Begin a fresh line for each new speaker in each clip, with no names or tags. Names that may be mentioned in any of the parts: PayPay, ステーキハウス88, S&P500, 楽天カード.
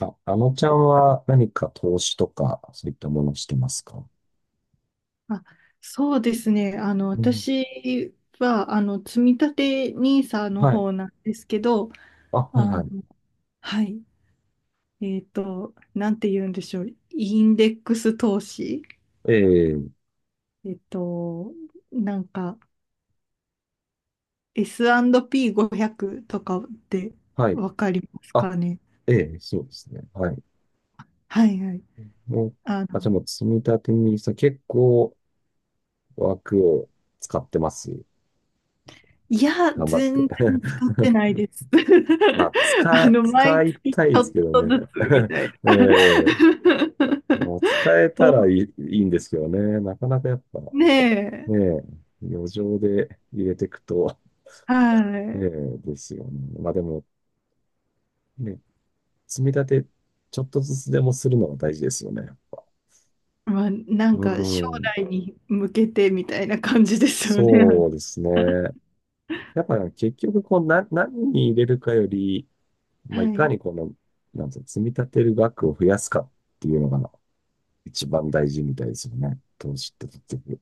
あ、ちゃんは何か投資とか、そういったものをしてますか？
あ、そうですね。
うん。
私は、積み立て n i s の
はい。
方なんですけど、
あ、はい
あ
は
の、
い。
はい。なんて言うんでしょう。インデックス投資。
ええ、
えっと、なんか、S&P500 とかって
はい。
わかります
あ、
かね？
ええ、そうですね。はい。
はいはい。
もう、
あの、
あ、じゃあもう積み立てに結構枠を使ってます。
いや、
頑張って。
全然使ってない です。
まあ、使
毎
い
月ち
たいで
ょっ
すけど
と
ね。
ずつみ たい
え
な。
え、もう使え た
そう
らいい、いいんですけどね。なかなかやっぱ、ね
ねえ、
え、余剰で入れていくと、
は
ね
い。
え、ですよね。まあでも、ね、積み立て、ちょっとずつでもするのが大事ですよね、やっぱ。
まあ、な
う
んか将
ん。
来に向けてみたいな感じですよ
そ
ね。
うですね。やっぱ結局、こう、何に入れるかより、まあ、
は
いか
い。
になんていうの積み立てる額を増やすかっていうのが一番大事みたいですよね。投資って結局。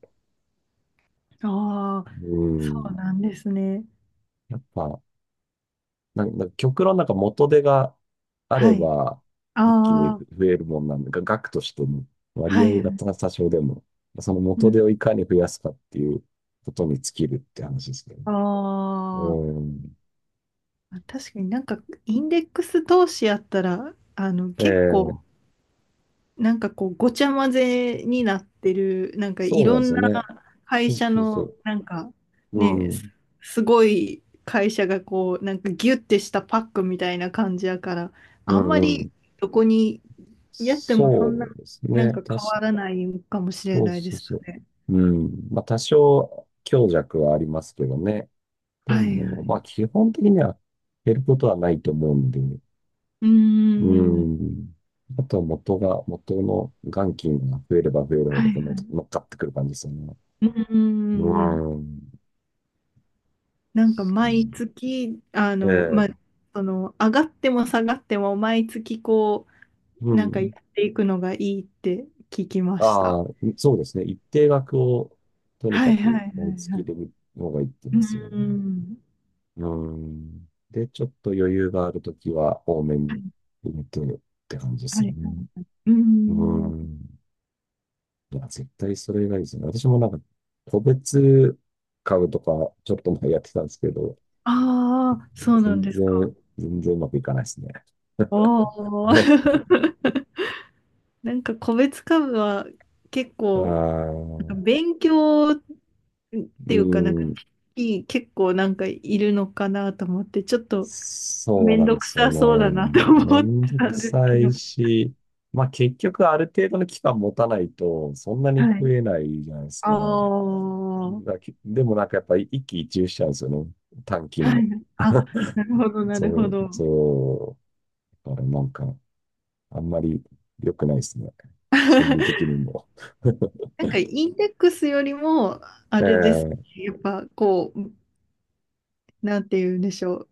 ああ、
う
そう
ん。
なんですね。
やっぱ、なんか極論なんか元手があれ
はい。
ば一気に
ああ、
増えるもんなんで、が額としても割
は
合が
い。
多少でも、その
う
元
ん、
手をいかに増やすかっていうことに尽きるって話ですけどね。
あ
うん。
まあ、確かになんかインデックス投資やったら、結構、
ええ、
なんかこう、ごちゃ混ぜになってる、なんかい
そうなん
ろ
です
ん
よ
な
ね。
会
そう
社
そうそ
の
う。
なんかね
う
す
ん。
すごい会社がこうなんかギュッてしたパックみたいな感じやから
う
あんま
んう
り
ん。
どこにやってもそんな
そうです
なん
ね。
か変わらないかもしれ
そう
ないで
そう
す
そう。
よね。
うん。まあ多少強弱はありますけどね。で
はいは
も、まあ
い。
基本的には減ることはないと思うんで。
うー
う
ん。
ん。あとは元の元金が増えれば増えるほ
は
ど、
い
この
は
乗っかってくる感じですよね。
い。うーん。
うん。
なんか
そう、
毎月
え
まあ
え。
その上がっても下がっても毎月こ
う
うなんかや
ん。
っていくのがいいって聞きました。
ああ、そうですね。一定額を、とに
は
か
いはいは
く、毎
い
月
は
入
い。
れる方がいいって言うん
う
ですよね。
ーん。
うん。で、ちょっと余裕があるときは、多め
は
に
い、
入れてって感じです
はい、
よ
はい。
ね。
はいう
う
ん。
ん。いや、絶対それがいいですね。私もなんか、個別株とか、ちょっと前やってたんですけど、
ああ、そうなんですか？
全然うまくいかないですね。
おお。なんか、個別株は結
あ
構、
ー、
なんか勉強って
う
いうか、なんか、
ん、
いい結構なんかいるのかなと思って、ちょっと
そう
めん
なん
ど
で
く
すよ
さそう
ね。
だなと
め
思っ
ん
て
ど
た
く
んです
さ
けど。
いし、まあ結局ある程度の期間持たないと、そんなに
は
増
い。
えないじゃないです
あ
か。
あ、はい。
だけでもなんかやっぱり一喜一憂しちゃうんですよね。短期の。
あ、なるほど、な
そ
るほ
う、
ど。
そだからなんか、あんまり良くないですね。心理 的にも。
なんかインデックスよりも、あれです
ええ、
ね。やっぱこう、なんて言うんでしょう。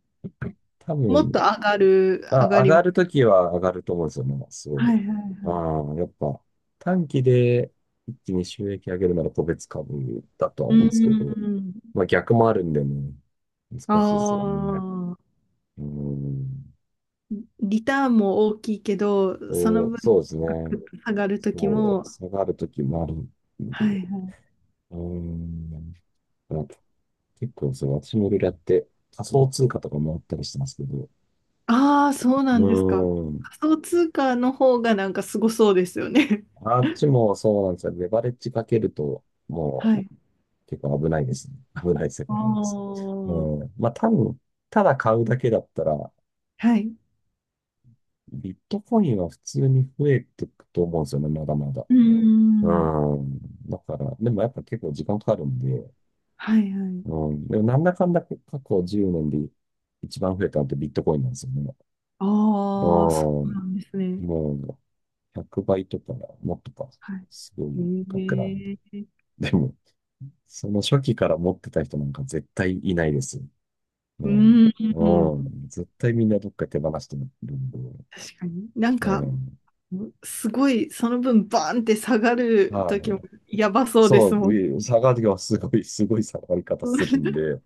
多
もっと
分、あ、
上が
上
り。は
がる
い
ときは上がると思うんですよね。すご
は
い。
いはい。
ああ、やっぱ短期で一気に収益上げるなら個別株だとは
う
思うんですけど、
ん。
まあ逆もあるんでね、
あ
難しいですよね。
あー。
うーん
リターンも大きいけど、その
と、
分、
そうです
ガクッ
ね。
と下がるとき
そう、
も、
下がるときもあるん
は
で、
いはい。
うーん、まあ結構そう、私もいろいろやって仮想通貨とかもあったりしてますけど、
ああ、そう
う
なんですか？
ーん、
仮想通貨の方がなんかすごそうですよね。
あっちもそうなんですよ。レバレッジかけると、も
は
う、
い。
結構危ないですね。危ない世
あ
界なんです。
あ。
うん。まあ多分、ただ買うだけだったら、
はい。
ビットコインは普通に増えていくと思うんですよね、まだまだ。
うー
う
ん。
ん。だから、でもやっぱ結構時間かかるんで、
はいはい。
うん。でもなんだかんだ過去10年で一番増えたのってビットコインなんですよね。う
ああ、そうな
ん。
んですね。
もう100倍とか、もっとか、
はい。
すごい額なんで。
へえ。
でも、その初期から持ってた人なんか絶対いないですよ。
う
う
ー
ん。う
ん。
ん。絶対みんなどっか手放してるんで。
確かに。なん
え
か、
え、
すごい、その分、バーンって下がる
は
時も
い。
やばそうで
そ
すも
う、
ん。
下がりがすごい、すごい下がり方するん で、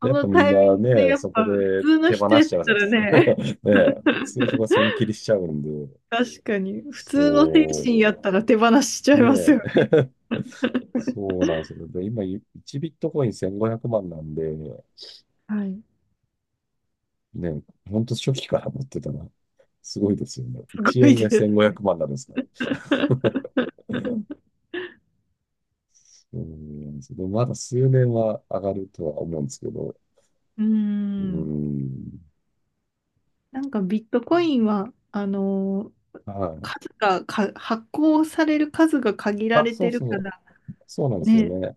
こ
やっ
の
ぱみん
タイミン
な
グで
ね、
やっ
そこ
ぱ、普
で
通の
手放
人やっ
しちゃうん
た
で
ら
す。ね
ね、
え、普通はそこは損切りしちゃうんで、
確かに、普通の精
そ
神やったら手放しちゃ
う、
い
ね
ますよ。
え、そうなんですよ。で、今、1ビットコイン1500万なんで、
はい。
ね、ほんと初期から持ってたら、すごいですよね。
すご
1
い
円が
で
1500
す。
万なんですから。うん、でもまだ数年は上がるとは思うんですけど、
うー
う
ん。
ん、
なんかビットコインは、
はい。
数がか、発行される数が限ら
あ、
れ
そ
て
う
る
そ
か
う、
ら
そうなんですよ
ね。
ね。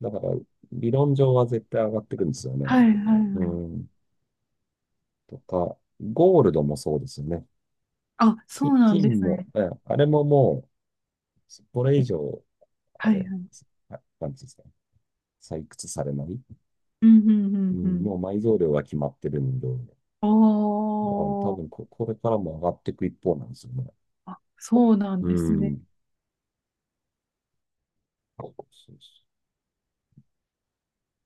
だから、理論上は絶対上がってくんですよね。
はいはいは
う
い。
ん、とか、ゴールドもそうですよね。
あ、そ
き
うなん
金
です
も、
ね。
え、あれもこれ以上、あ
はい
れ、
はい。
なんていうんですか、採掘されない。
うんうんう
う
んう
ん、
ん。
もう埋蔵量が決まってるんで、だから多
お
分
ー、
これからも上がっていく一方なんですよね。
あ、そうなん
う
ですね。
ん。そうそう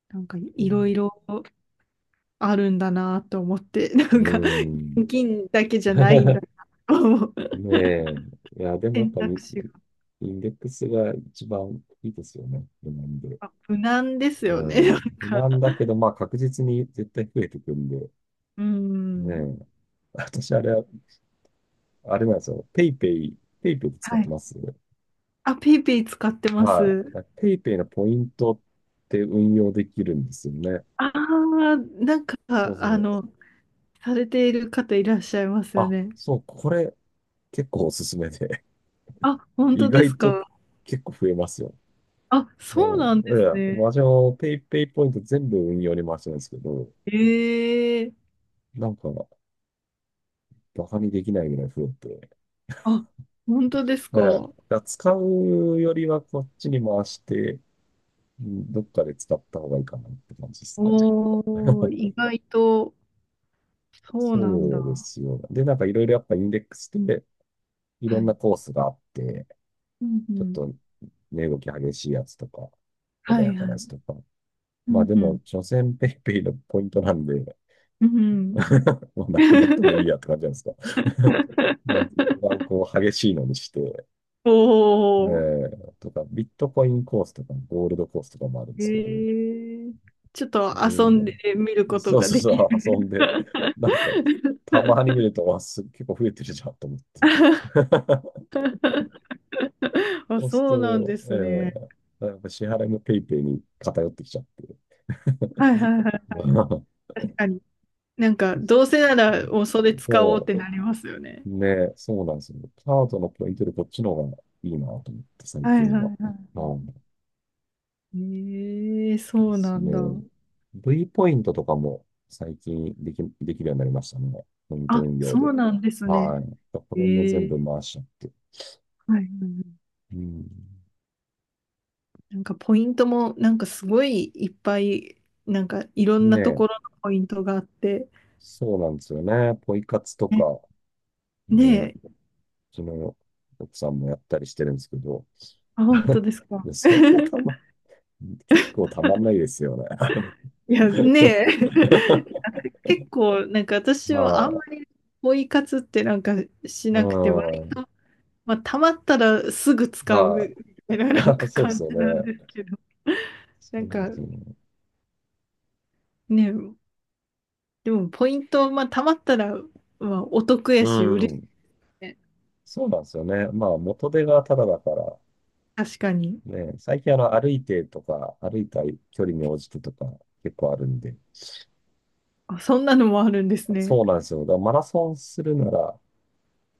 なんか
そう、う
いろ
ん、
いろあるんだなと思って、な
う
んか
ーん。
銀だけじゃないんだ なと思う
ねえ。いや、でもやっ
選
ぱ
択肢が。
インデックスが一番いいですよね。不満で。
あ、無難です
う
よね、
ん。不
なん
満
か。
だけど、まあ確実に絶対増えてくんで。
う
ね
ん。
え。私あれは、あれなんですよ。ペイペイ、ペイペイで使っ
は
て
い。
ます。
あ、ペイペイ使ってま
は
す。
い。ペイペイのポイントって運用できるんですよね。
ああ、なんか、
そうそ
あの、
う。
されている方いらっしゃいますよ
あ、
ね。
そう、これ結構おすすめで。
あ、本
意
当です
外と
か？
結構増えますよね。
あ、そう
う
なんで
ん、い
す
や、
ね。
私もペイペイポイント全部運用に回してるんですけど、
ええ
なんか、バカにできないぐらい増えて、ええ、
あ、本当です
だ
か？
から使うよりはこっちに回して、うん、どっかで使った方がいいかなって感じですね。
おー、意 外と、そうなん
そうで
だ。
すよ。で、なんかいろいろやっぱインデックスでい
は
ろん
い。
なコースがあって、
うんう
ちょっ
ん。
と値動き激しいやつとか、
は
穏
い
やか
は
なやつ
い。
とか。
う
まあ
ん
で
う
も、
ん。
所詮ペイペイのポイントなんで
うんうん。
もうなくなってもいいやって感じなんですか。もう一番 こう激しいのにして、え
おー、
ー、とか、ビットコインコースとか、ゴールドコースとかもあるんで
え
すけど、
えちょっ
そ
と
れ
遊んで
に、
みること
そう
が
そう
できる。
そう、遊んで、なんか、たまに見ると、結構増えてるじゃんと思って。
あ、
そうする
そうなんですね。
と、えー、やっぱ支払いもペイペイに偏ってきちゃって。
はいはいはい。確かになんか、どうせなら、もうそれ使おうっ
そ
てなりますよね。
う、ね、そうなんですよ。カードのポイントでこっちの方がいいなと思って、最
はい
近
はいは
は。
いは
うん、
い。ええ、
で
そう
す
なんだ。
ね。V ポイントとかも最近でき、できるようになりましたね。ポイント
あ、
運用
そ
で。
うなんです
は
ね。
い。これも
え
全部
え。
回しちゃって。
はいはいはい。
うん。
なんかポイントも、なんかすごいいっぱい、なんかいろん
ね
なと
え、
ころのポイントがあって、
そうなんですよね。ポイ活と
ね。
か、ね、う
ねえ、
ちの奥さんもやったりしてるんですけど、
あ、本当 ですか？
でそんなたま、結構たまんないですよね。
いや、ねえ、結構、なんか私
ま
はあん
あ、
まりポイ活ってなんかし
う
なくて、
ん、
まあ、たまったらすぐ使う
は
みた
い。
いな
そうです
感
よ
じなん
ね。
ですけど。
そ
なん
う
か
ですよね。
ね、でもポイント、まあ、たまったら、まあ、お得や
う
し、嬉しい
ん。
ね。
そうなんですよね。まあ、元手がタダだから、
確かに。
ね、最近あの、歩いてとか、歩いた距離に応じてとか、結構あるんで。
あ、そんなのもあるんですね。
そうなんですよ。だからマラソンするなら、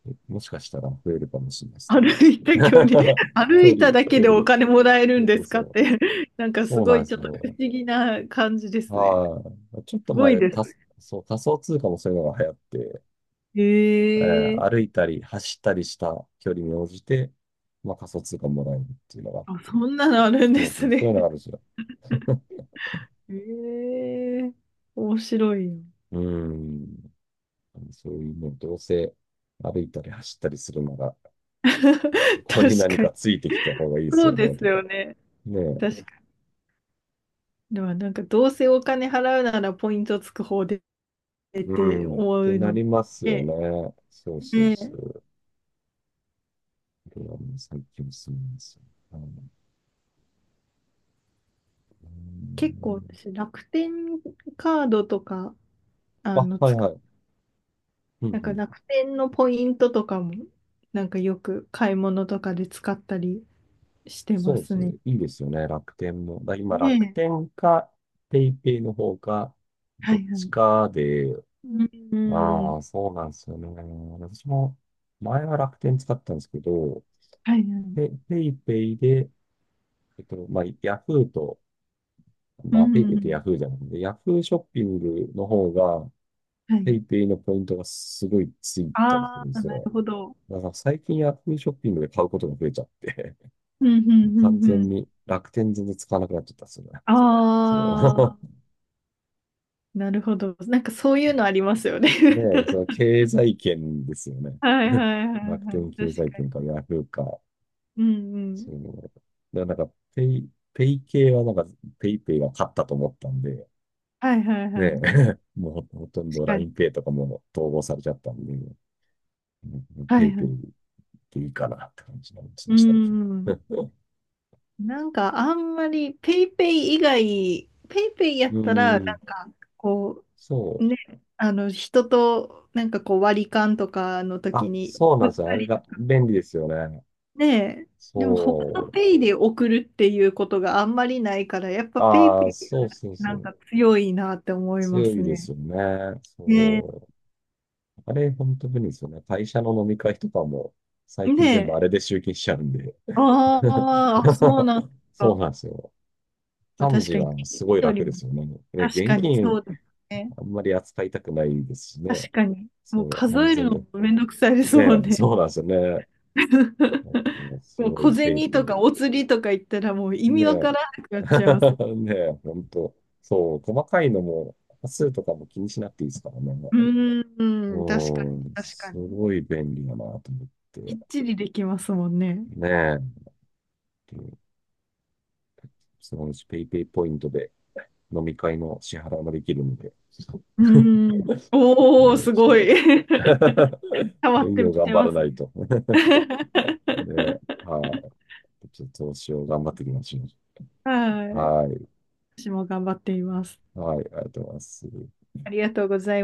えもしかしたら増えるかもしれないですね。
歩いた距離、歩
距
いた
離、
だけ
距
でお
離。
金もらえる
そ
ん
う
で
そう
す
そ
かっ
う。
て、なんかす
そうな
ご
ん
い
で
ちょ
す
っと不思
よ。
議な感じですね。
はい。ちょっ
す
と
ごい
前、
です。
仮そう、仮想通貨もそういうのが流行って、え
へ
ー
え
歩いたり走ったりした距離に応じて、まあ、仮想通貨もらえるっていうのがあっ
あ、そ
て。
んなのあるんで
そうそ
す
う、そう
ね。
いうのがあるんですよ。
へえ面白いよ。
うーん。そういうね、どうせ歩いたり走ったりするなら、そこに
確
何
か
か
に。
ついてきた方がいいです
そ
よ
う
ね、
です
と
よ
か。
ね。
ねえ、
確かに。でもなんかどうせお金払うならポイントつく方でっ
う
て
ん、っ
思
て
う
な
の
りますよ
で、
ね。そうそう
ね
そう。これはもう最近すみません。あの、う
結構
ん、
私楽天カードとか、あ
あ、
の、
はい
使
は
う、
い。うん
なん
う
か
ん。
楽天のポイントとかも、なんかよく買い物とかで使ったりしてま
そうで
す
すね。
ね。
いいですよね。楽天も。だ今、
ね
楽
え。
天か、ペイペイの方か、
は
どっ
いは
ち
い。
かで、
うん。う
ああ、
ん。
そうなんですよね。私も、前は楽天使ったんですけど、
はいはい。
ペイペイで、えっと、まあ、ヤフーと、
う
まあ、ペイペイってヤ
ん。
フーじゃないんで、ヤフーショッピングの方が、
は
ペ
い。
イペイのポイントがすごいついたりする
あ
んで
あ、
す
なる
よ。
ほど。
だから最近ヤフーショッピングで買うことが増えちゃって、
うん。う ん。う
完
ん。う
全
ん。
に楽天全然使わなくなっちゃったんですよね。
あ
その
あ。なるほど。なんかそういうのありますよね。
ねえ、その 経済圏ですよね。
はいはいはい
楽
はい。
天経
確
済
か
圏
に。
かヤフーか、
うんう
そ
ん。
の、だからなんかペイ系はなんかペイペイが勝ったと思ったんで、
はいはいは
ねえ、
い。
もうほとん
確
ど l
か
i n
に。
e イとかも統合されちゃったんで、うん
は
ペイ
いは
ペイ
い。
でいいかなって感じになりました
う
ね、
んう
最
ん。
近。
なんかあんまりペイペイ以外、ペイペイや
う
ったら、
ー
な
ん、
んかこ
そ
う、
う。
ね、あの人となんかこう割り勘とかの時
あ、
に
そうな
売
ん
っ
ですよ。あ
た
れ
り
が便利ですよね。
ね、でも他
そ
の
う。
ペイで送るっていうことがあんまりないから、やっぱペイ
ああ、
ペイが
そうそうそ
なん
う。
か強いなって思いま
強
す
いです
ね。
よね。
ねえ
そう。あれ、本当便利ですよね。会社の飲み会とかも、最
ね
近全部
え。
あれで集金しちゃうんで。
あーあ、そう なんです
そ
か？
うなんですよ。幹
確
事
かに、
は
金
すごい
より
楽で
も、
すよね。ね、
確
現
かにそ
金
うですね。
あんまり扱いたくないですしね。
確かに。
そ
もう
う、
数
安
える
全が。
のもめんどくさいです
ね
もん
え、
ね。
そうなんですよね。す
もう
ごい
小
フェイク
銭
で
とかお釣りとか言ったらもう意
ね
味わか
え。
らなくなっちゃいます。
ねえ、ほんと。そう、細かいのも、端数とかも気にしなくていいですからね。
うーん、確か
う
に、
ん、
確か
す
に。
ごい便利だなと思っ
きっ
て。
ちりできますもんね。
ねえ。そのうちペイペイポイントで飲み会の支払いもできるので。
うーん。おー、
もう
す
ちょ
ご
っと
い。変 わっ
運
て
用
き
頑
て
張
ま
ら
す
な
ね。
いと。で、はい。ちょっと投資を頑張っていきましょう。
はい。
はい。
私も頑張っています。
はい。ありがとうございます。
ありがとうございます。